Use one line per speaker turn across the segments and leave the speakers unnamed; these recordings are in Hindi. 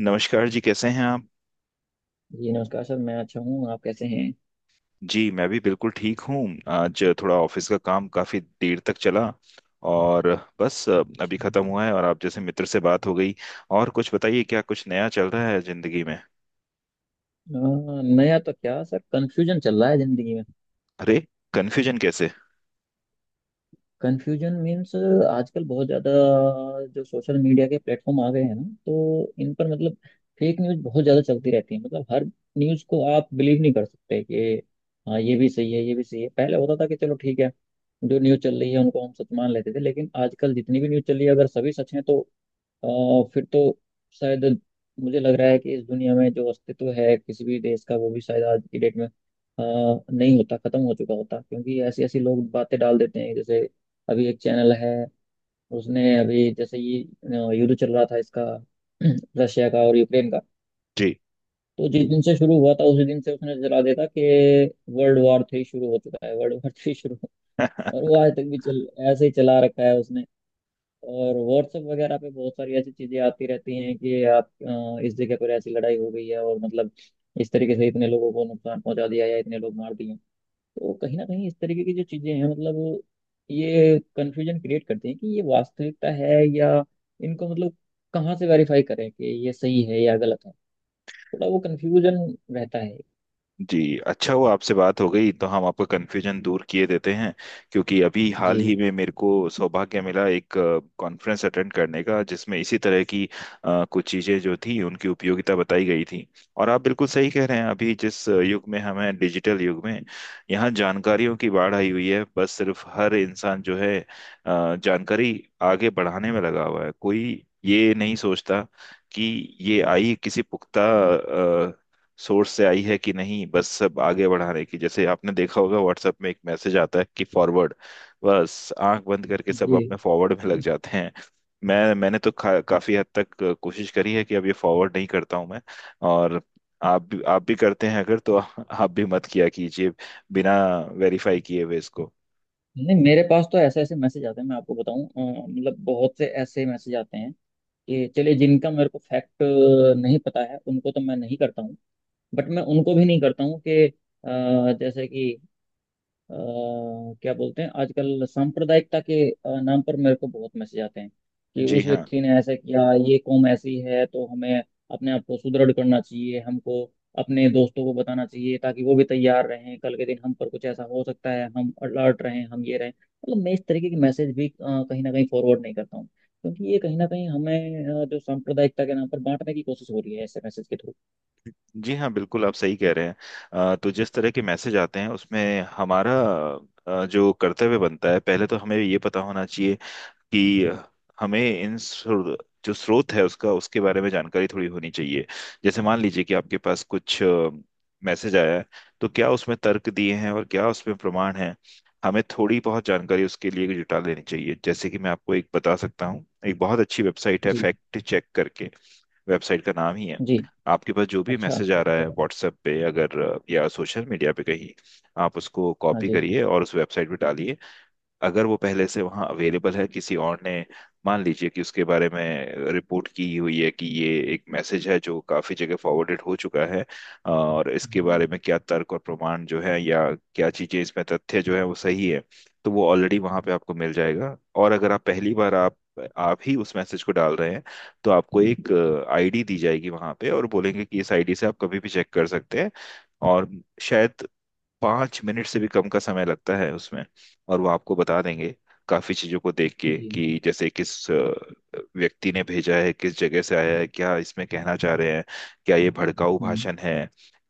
नमस्कार जी, कैसे हैं आप?
जी नमस्कार सर मैं अच्छा हूँ आप कैसे हैं।
जी, मैं भी बिल्कुल ठीक हूँ। आज थोड़ा ऑफिस का काम काफी देर तक चला, और बस अभी
अच्छा।
खत्म हुआ है और आप जैसे मित्र से बात हो गई। और कुछ बताइए, क्या कुछ नया चल रहा है जिंदगी में?
नया तो क्या सर कंफ्यूजन चल रहा है जिंदगी में।
अरे, कन्फ्यूजन कैसे?
कंफ्यूजन मीन्स आजकल बहुत ज्यादा जो सोशल मीडिया के प्लेटफॉर्म आ गए हैं ना, तो इन पर मतलब फेक न्यूज बहुत ज्यादा चलती रहती है। मतलब हर न्यूज को आप बिलीव नहीं कर सकते कि हाँ ये भी सही है, ये भी सही है। पहले होता था कि चलो ठीक है, जो न्यूज चल रही है उनको हम सच मान लेते थे, लेकिन आजकल जितनी भी न्यूज चल रही है अगर सभी सच है तो अ, फिर तो शायद मुझे लग रहा है कि इस दुनिया में जो अस्तित्व है किसी भी देश का वो भी शायद आज की डेट में नहीं होता, खत्म हो चुका होता, क्योंकि ऐसी ऐसी लोग बातें डाल देते हैं। जैसे अभी एक चैनल है, उसने अभी जैसे ये युद्ध चल रहा था इसका रशिया का और यूक्रेन का।
जी
तो जिस दिन से शुरू हुआ था उसी दिन से उसने चला देता कि वर्ल्ड वॉर थ्री शुरू हो चुका है, वर्ल्ड वॉर थ्री शुरू हो- और वो आज तक भी चल ऐसे ही चला रखा है उसने। और व्हाट्सएप वगैरह पे बहुत सारी ऐसी चीजें आती रहती हैं कि आप इस जगह पर ऐसी लड़ाई हो गई है और मतलब इस तरीके से इतने लोगों को नुकसान पहुंचा दिया या इतने लोग मार दिए। तो कहीं ना कहीं इस तरीके की जो चीजें हैं मतलब ये कन्फ्यूजन क्रिएट करती हैं कि ये वास्तविकता है या इनको मतलब कहाँ से वेरीफाई करें कि ये सही है या गलत है। थोड़ा वो कन्फ्यूजन रहता है।
जी, अच्छा हुआ आपसे बात हो गई तो हम आपका कन्फ्यूजन दूर किए देते हैं। क्योंकि अभी हाल ही
जी।
में मेरे को सौभाग्य मिला एक कॉन्फ्रेंस अटेंड करने का, जिसमें इसी तरह की कुछ चीज़ें जो थी उनकी उपयोगिता बताई गई थी। और आप बिल्कुल सही कह रहे हैं, अभी जिस युग में हमें, डिजिटल युग में, यहाँ जानकारियों की बाढ़ आई हुई है। बस सिर्फ हर इंसान जो है जानकारी आगे बढ़ाने में लगा हुआ है, कोई ये नहीं सोचता कि ये आई किसी पुख्ता सोर्स से आई है कि नहीं। बस सब आगे बढ़ाने की, जैसे आपने देखा होगा व्हाट्सएप में एक मैसेज आता है कि फॉरवर्ड, बस आंख बंद करके सब
जी।
अपने फॉरवर्ड में लग जाते हैं। मैंने तो काफी हद तक कोशिश करी है कि अब ये फॉरवर्ड नहीं करता हूं मैं। और आप भी करते हैं अगर तो आप भी मत किया कीजिए, बिना वेरीफाई किए हुए इसको।
नहीं मेरे पास तो ऐसे ऐसे मैसेज आते हैं, मैं आपको बताऊं, मतलब बहुत से ऐसे मैसेज आते हैं। ये चलिए जिनका मेरे को फैक्ट नहीं पता है उनको तो मैं नहीं करता हूँ। बट मैं उनको भी नहीं करता हूँ कि जैसे कि अ, क्या बोलते हैं आजकल सांप्रदायिकता के नाम पर मेरे को बहुत मैसेज आते हैं कि
जी
उस
हाँ,
व्यक्ति ने ऐसा किया, ये कौम ऐसी है, तो हमें अपने आप को सुदृढ़ करना चाहिए। हमको अपने दोस्तों को बताना चाहिए ताकि वो भी तैयार रहें, कल के दिन हम पर कुछ ऐसा हो सकता है, हम अलर्ट रहें, हम ये रहें। मतलब मैं इस तरीके के मैसेज भी कहीं ना कहीं फॉरवर्ड नहीं करता हूँ, क्योंकि ये कहीं ना कहीं हमें जो सांप्रदायिकता के नाम पर बांटने की कोशिश हो रही है ऐसे मैसेज के थ्रू।
जी हाँ बिल्कुल आप सही कह रहे हैं। तो जिस तरह के मैसेज आते हैं उसमें हमारा जो कर्तव्य बनता है, पहले तो हमें ये पता होना चाहिए कि हमें जो स्रोत है उसका, उसके बारे में जानकारी थोड़ी होनी चाहिए। जैसे मान लीजिए कि आपके पास कुछ मैसेज आया है, तो क्या उसमें तर्क दिए हैं और क्या उसमें प्रमाण है। हमें थोड़ी बहुत जानकारी उसके लिए जुटा लेनी चाहिए। जैसे कि मैं आपको एक बता सकता हूँ, एक बहुत अच्छी वेबसाइट है
जी।
फैक्ट चेक करके। वेबसाइट का नाम ही है।
जी।
आपके पास जो भी
अच्छा
मैसेज
अच्छा
आ रहा है
अच्छा।
व्हाट्सएप पे अगर, या सोशल मीडिया पे कहीं, आप उसको
हाँ
कॉपी
जी।
करिए और उस वेबसाइट पे डालिए। अगर वो पहले से वहाँ अवेलेबल है, किसी और ने मान लीजिए कि उसके बारे में रिपोर्ट की हुई है कि ये एक मैसेज है जो काफी जगह फॉरवर्डेड हो चुका है और इसके
हम्म,
बारे में क्या तर्क और प्रमाण जो है, या क्या चीजें इसमें तथ्य जो है वो सही है, तो वो ऑलरेडी वहाँ पे आपको मिल जाएगा। और अगर आप पहली बार, आप ही उस मैसेज को डाल रहे हैं, तो आपको एक आईडी दी जाएगी वहाँ पे और बोलेंगे कि इस आईडी से आप कभी भी चेक कर सकते हैं। और शायद 5 मिनट से भी कम का समय लगता है उसमें। और वो आपको बता देंगे, काफी चीजों को देख के,
जी।
कि जैसे किस व्यक्ति ने भेजा है, किस जगह से आया है, क्या इसमें कहना चाह रहे हैं, क्या ये भड़काऊ
हम्म।
भाषण है,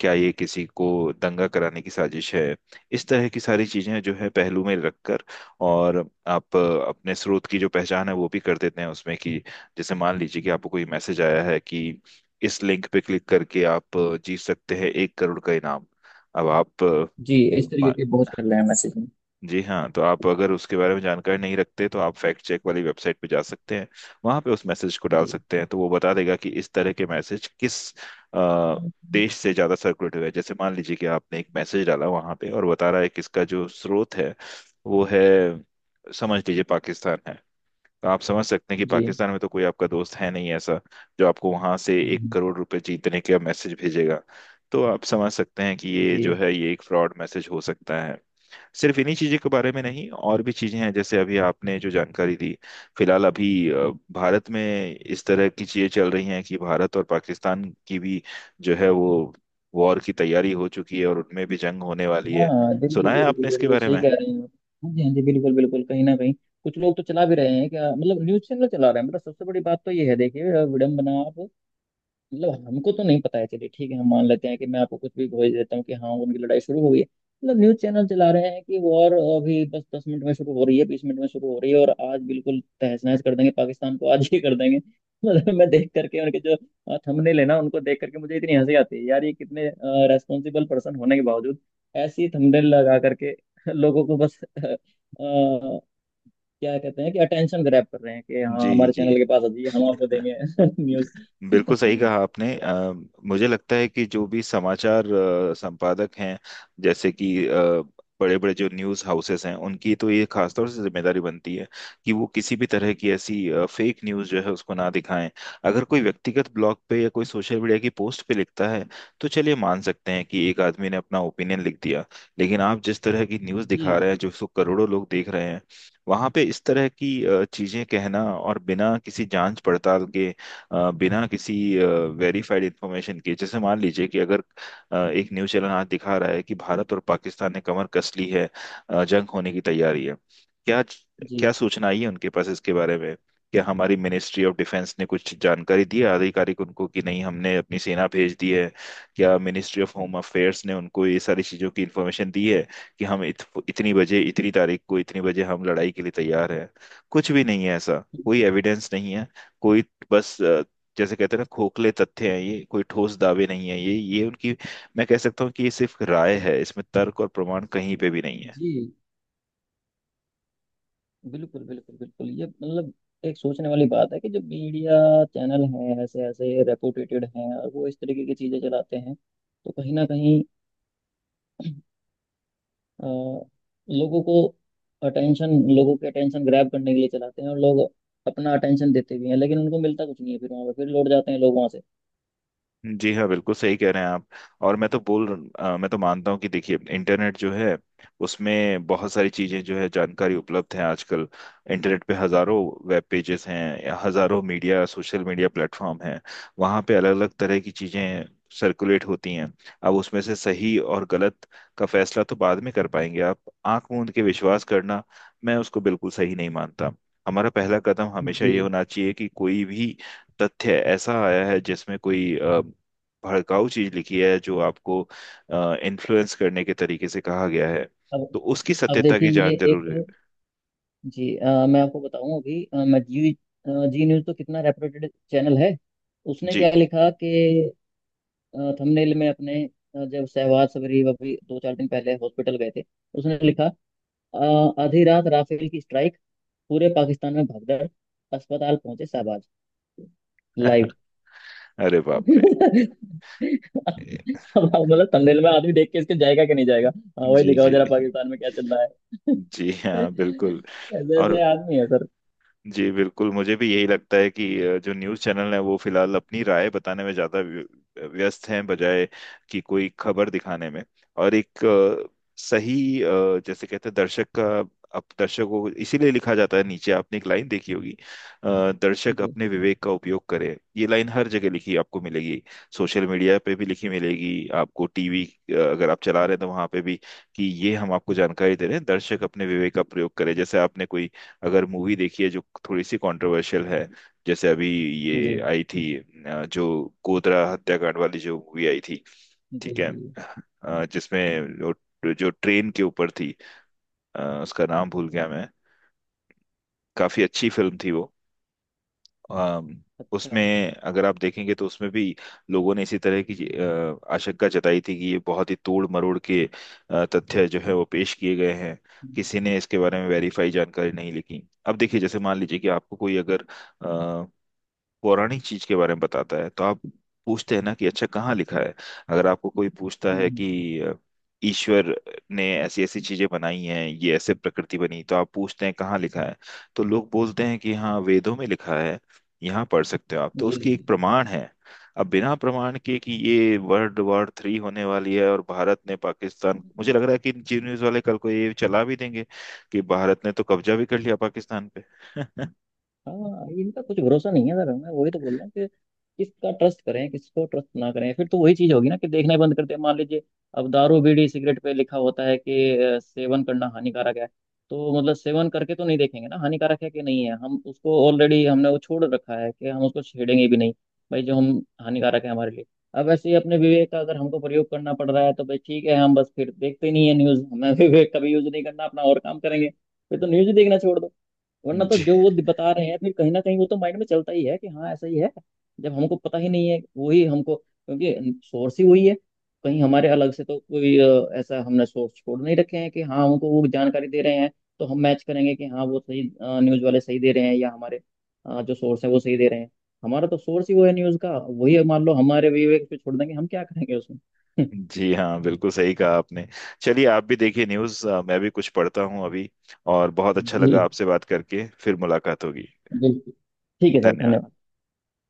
क्या ये किसी को दंगा कराने की साजिश है, इस तरह की सारी चीजें जो है पहलू में रखकर। और आप अपने स्रोत की जो पहचान है वो भी कर देते हैं उसमें कि जैसे मान लीजिए कि आपको कोई मैसेज आया है कि इस लिंक पे क्लिक करके आप जीत सकते हैं 1 करोड़ का इनाम। अब आप
जी, इस तरीके
हाँ,
के बहुत चल रहे हैं मैसेजिंग।
जी हाँ, तो आप अगर उसके बारे में जानकारी नहीं रखते तो आप फैक्ट चेक वाली वेबसाइट पे जा सकते हैं। वहां पे उस मैसेज को डाल
जी।
सकते हैं तो वो बता देगा कि इस तरह के मैसेज किस अ, देश से ज्यादा सर्कुलेट हुए हैं। जैसे मान लीजिए कि आपने एक मैसेज डाला वहां पे और बता रहा है कि इसका जो स्रोत है वो है, समझ लीजिए पाकिस्तान है, तो आप समझ सकते हैं कि
जी।
पाकिस्तान में तो कोई आपका दोस्त है नहीं ऐसा जो आपको वहां से एक
हम्म,
करोड़ रुपए जीतने का मैसेज भेजेगा। तो आप समझ सकते हैं कि ये जो
जी।
है, ये एक फ्रॉड मैसेज हो सकता है। सिर्फ इन्हीं चीज़ों के बारे में नहीं, और भी चीज़ें हैं जैसे अभी आपने जो जानकारी दी। फिलहाल अभी भारत में इस तरह की चीज़ें चल रही हैं कि भारत और पाकिस्तान की भी जो है वो वॉर की तैयारी हो चुकी है और उनमें भी जंग होने वाली है।
हाँ
सुना
बिल्कुल
है
बिल्कुल
आपने इसके
बिल्कुल
बारे
सही
में?
कह रहे हैं आप। हाँ जी, हाँ जी, बिल्कुल बिल्कुल कहीं ना कहीं कुछ लोग तो चला भी रहे हैं, क्या मतलब न्यूज़ चैनल चला रहे हैं। मतलब सबसे बड़ी बात तो ये है, देखिए विडम्बना। आप मतलब हमको तो नहीं पता है, चलिए ठीक है हम मान लेते हैं कि मैं आपको कुछ भी भेज देता हूँ कि हाँ उनकी लड़ाई शुरू हो गई है। मतलब न्यूज़ चैनल चला रहे हैं कि वॉर अभी बस 10 मिनट में शुरू हो रही है, 20 मिनट में शुरू हो रही है, और आज बिल्कुल तहस नहस कर देंगे पाकिस्तान को, आज ही कर देंगे। मतलब मैं देख करके उनके जो थंबनेल है ना, उनको देख करके मुझे इतनी हंसी आती है यार, ये कितने रेस्पॉन्सिबल पर्सन होने के बावजूद ऐसी थंबनेल लगा करके लोगों को बस अ, क्या कहते हैं कि अटेंशन ग्रैब कर रहे हैं कि हाँ
जी,
हमारे
जी
चैनल के पास आ जाइए, हम आपको देंगे न्यूज़।
बिल्कुल सही कहा आपने। मुझे लगता है कि जो भी समाचार संपादक हैं, जैसे कि बड़े बड़े जो न्यूज़ हाउसेस हैं, उनकी तो ये खासतौर से जिम्मेदारी बनती है कि वो किसी भी तरह की ऐसी फेक न्यूज़ जो है उसको ना दिखाएं। अगर कोई व्यक्तिगत ब्लॉग पे या कोई सोशल मीडिया की पोस्ट पे लिखता है, तो चलिए मान सकते हैं कि एक आदमी ने अपना ओपिनियन लिख दिया। लेकिन आप जिस तरह की न्यूज़
जी।
दिखा रहे हैं जो उसको करोड़ों लोग देख रहे हैं, वहां पे इस तरह की चीजें कहना और बिना किसी जांच पड़ताल के, बिना किसी वेरीफाइड इंफॉर्मेशन के, जैसे मान लीजिए कि अगर एक न्यूज़ चैनल आज दिखा रहा है कि भारत और पाकिस्तान ने कमर कस ली है, जंग होने की तैयारी है, क्या क्या
जी।
सूचना आई है उनके पास इसके बारे में? क्या हमारी मिनिस्ट्री ऑफ डिफेंस ने कुछ जानकारी दी है आधिकारिक, उनको कि नहीं हमने अपनी सेना भेज दी है? क्या मिनिस्ट्री ऑफ होम अफेयर्स ने उनको ये सारी चीज़ों की इन्फॉर्मेशन दी है कि हम इतनी बजे इतनी तारीख को इतनी बजे हम लड़ाई के लिए तैयार हैं? कुछ भी नहीं है ऐसा, कोई एविडेंस नहीं है, कोई, बस, जैसे कहते हैं ना, खोखले तथ्य हैं ये, कोई ठोस दावे नहीं है ये उनकी, मैं कह सकता हूँ कि ये सिर्फ राय है, इसमें तर्क और प्रमाण कहीं पे भी नहीं है।
जी बिल्कुल बिल्कुल बिल्कुल ये मतलब एक सोचने वाली बात है कि जो मीडिया चैनल हैं ऐसे ऐसे रेपुटेटेड हैं और वो इस तरीके की चीज़ें चलाते हैं, तो कहीं ना कहीं अ, लोगों को अटेंशन, लोगों के अटेंशन ग्रैब करने के लिए चलाते हैं, और लोग अपना अटेंशन देते भी हैं, लेकिन उनको मिलता कुछ नहीं है, फिर वहाँ पे फिर लौट जाते हैं लोग वहाँ से।
जी हाँ बिल्कुल सही कह रहे हैं आप। और मैं तो बोल मैं तो मानता हूँ कि देखिए इंटरनेट जो है उसमें बहुत सारी चीजें जो है, जानकारी उपलब्ध है आजकल। इंटरनेट पे हजारों वेब पेजेस हैं, हजारों मीडिया, सोशल मीडिया प्लेटफॉर्म हैं, वहाँ पे अलग अलग तरह की चीजें सर्कुलेट होती हैं। अब उसमें से सही और गलत का फैसला तो बाद में कर पाएंगे आप। आंख मूंद के विश्वास करना, मैं उसको बिल्कुल सही नहीं मानता। हमारा पहला कदम हमेशा
जी।
ये होना चाहिए कि कोई भी तथ्य ऐसा आया है जिसमें कोई भड़काऊ चीज लिखी है, जो आपको इन्फ्लुएंस करने के तरीके से कहा गया है,
अब
तो उसकी
अब
सत्यता
देखिए
की
ये
जान
एक।
जरूर है।
जी, मैं आपको बताऊं अभी जी न्यूज़ तो कितना रेपुटेड चैनल है। उसने
जी
क्या लिखा कि थंबनेल में अपने, जब शहबाज सबरी अभी दो चार दिन पहले हॉस्पिटल गए थे, उसने लिखा आधी रात राफेल की स्ट्राइक, पूरे पाकिस्तान में भगदड़, अस्पताल पहुंचे शहबाज, लाइव।
अरे बाप रे।
अब आप मतलब थंबनेल में आदमी देख के इसके जाएगा कि नहीं जाएगा। हाँ वही
जी
दिखाओ
जी।
जरा पाकिस्तान में क्या चल रहा है।
जी हाँ बिल्कुल।
ऐसे
और
ऐसे आदमी है सर।
जी बिल्कुल, मुझे भी यही लगता है कि जो न्यूज़ चैनल है वो फिलहाल अपनी राय बताने में ज़्यादा व्यस्त हैं, बजाय कि कोई खबर दिखाने में। और एक सही जैसे कहते हैं दर्शक का, अब दर्शक को इसीलिए लिखा जाता है, नीचे आपने एक लाइन देखी होगी दर्शक
जी।
अपने विवेक का उपयोग करे, ये लाइन हर जगह लिखी आपको मिलेगी। सोशल मीडिया पे भी लिखी मिलेगी आपको, टीवी अगर आप चला रहे हैं तो वहां पे भी, कि ये हम आपको जानकारी दे रहे हैं, दर्शक अपने विवेक का प्रयोग करें। जैसे आपने कोई अगर मूवी देखी है जो थोड़ी सी कंट्रोवर्शियल है, जैसे अभी
जी।
ये आई थी जो गोधरा हत्याकांड वाली जो मूवी आई थी,
जी।
ठीक है,
जी।
जिसमें जो ट्रेन के ऊपर थी, उसका नाम भूल गया मैं। काफी अच्छी फिल्म थी वो। अम,
अच्छा।
उसमें अगर आप देखेंगे तो उसमें भी लोगों ने इसी तरह की आशंका जताई थी कि ये बहुत ही तोड़ मरोड़ के तथ्य जो है वो पेश किए गए हैं।
हम्म।
किसी ने इसके बारे में वेरीफाई जानकारी नहीं लिखी। अब देखिए जैसे मान लीजिए कि आपको कोई अगर पौराणिक चीज के बारे में बताता है तो आप पूछते हैं ना कि अच्छा कहाँ लिखा है। अगर आपको कोई पूछता
हम्म,
है
हम्म,
कि ईश्वर ने ऐसी ऐसी चीजें बनाई हैं, ये ऐसे प्रकृति बनी, तो आप पूछते हैं कहाँ लिखा है। तो लोग बोलते हैं कि हाँ वेदों में लिखा है, यहाँ पढ़ सकते हो आप, तो
जी।
उसकी एक
जी।
प्रमाण है। अब बिना प्रमाण के कि ये वर्ल्ड वॉर थ्री होने वाली है और भारत ने पाकिस्तान,
हम्म,
मुझे
हम्म।
लग रहा है कि जी न्यूज वाले कल को ये चला भी देंगे कि भारत ने तो कब्जा भी कर लिया पाकिस्तान पे।
हाँ इनका कुछ भरोसा नहीं है सर, मैं वही तो बोल रहा हूँ कि किसका ट्रस्ट करें, किसको ट्रस्ट ना करें, फिर तो वही चीज होगी ना कि देखना ही बंद करते हैं। मान लीजिए अब दारू बीड़ी सिगरेट पे लिखा होता है कि सेवन करना हानिकारक है, तो मतलब सेवन करके तो नहीं देखेंगे ना हानिकारक है कि नहीं है। हम उसको ऑलरेडी, हमने वो छोड़ रखा है कि हम उसको छेड़ेंगे भी नहीं, भाई जो हम, हानिकारक है हमारे लिए। अब ऐसे ही अपने विवेक का अगर हमको प्रयोग करना पड़ रहा है तो भाई ठीक है, हम बस फिर देखते ही नहीं है न्यूज हमें। विवेक का भी यूज नहीं करना अपना और काम करेंगे, फिर तो न्यूज ही देखना छोड़ दो। वरना तो
जी,
जो वो बता रहे हैं फिर कहीं ना कहीं वो तो माइंड में चलता ही है कि हाँ ऐसा ही है। जब हमको पता ही नहीं है वही हमको, क्योंकि सोर्स ही वही है, कहीं हमारे अलग से तो कोई ऐसा हमने सोर्स छोड़ नहीं रखे हैं कि हाँ हमको वो जानकारी दे रहे हैं, तो हम मैच करेंगे कि हाँ वो सही, न्यूज़ वाले सही दे रहे हैं या हमारे जो सोर्स है वो सही दे रहे हैं। हमारा तो सोर्स ही वो है न्यूज़ का, वही है, मान लो हमारे विवेक पे छोड़ देंगे हम क्या करेंगे उसमें।
जी हाँ बिल्कुल सही कहा आपने। चलिए आप भी देखिए न्यूज़, मैं भी कुछ पढ़ता हूँ अभी। और बहुत अच्छा
जी
लगा आपसे बात करके, फिर मुलाकात होगी।
बिल्कुल ठीक है सर,
धन्यवाद।
धन्यवाद।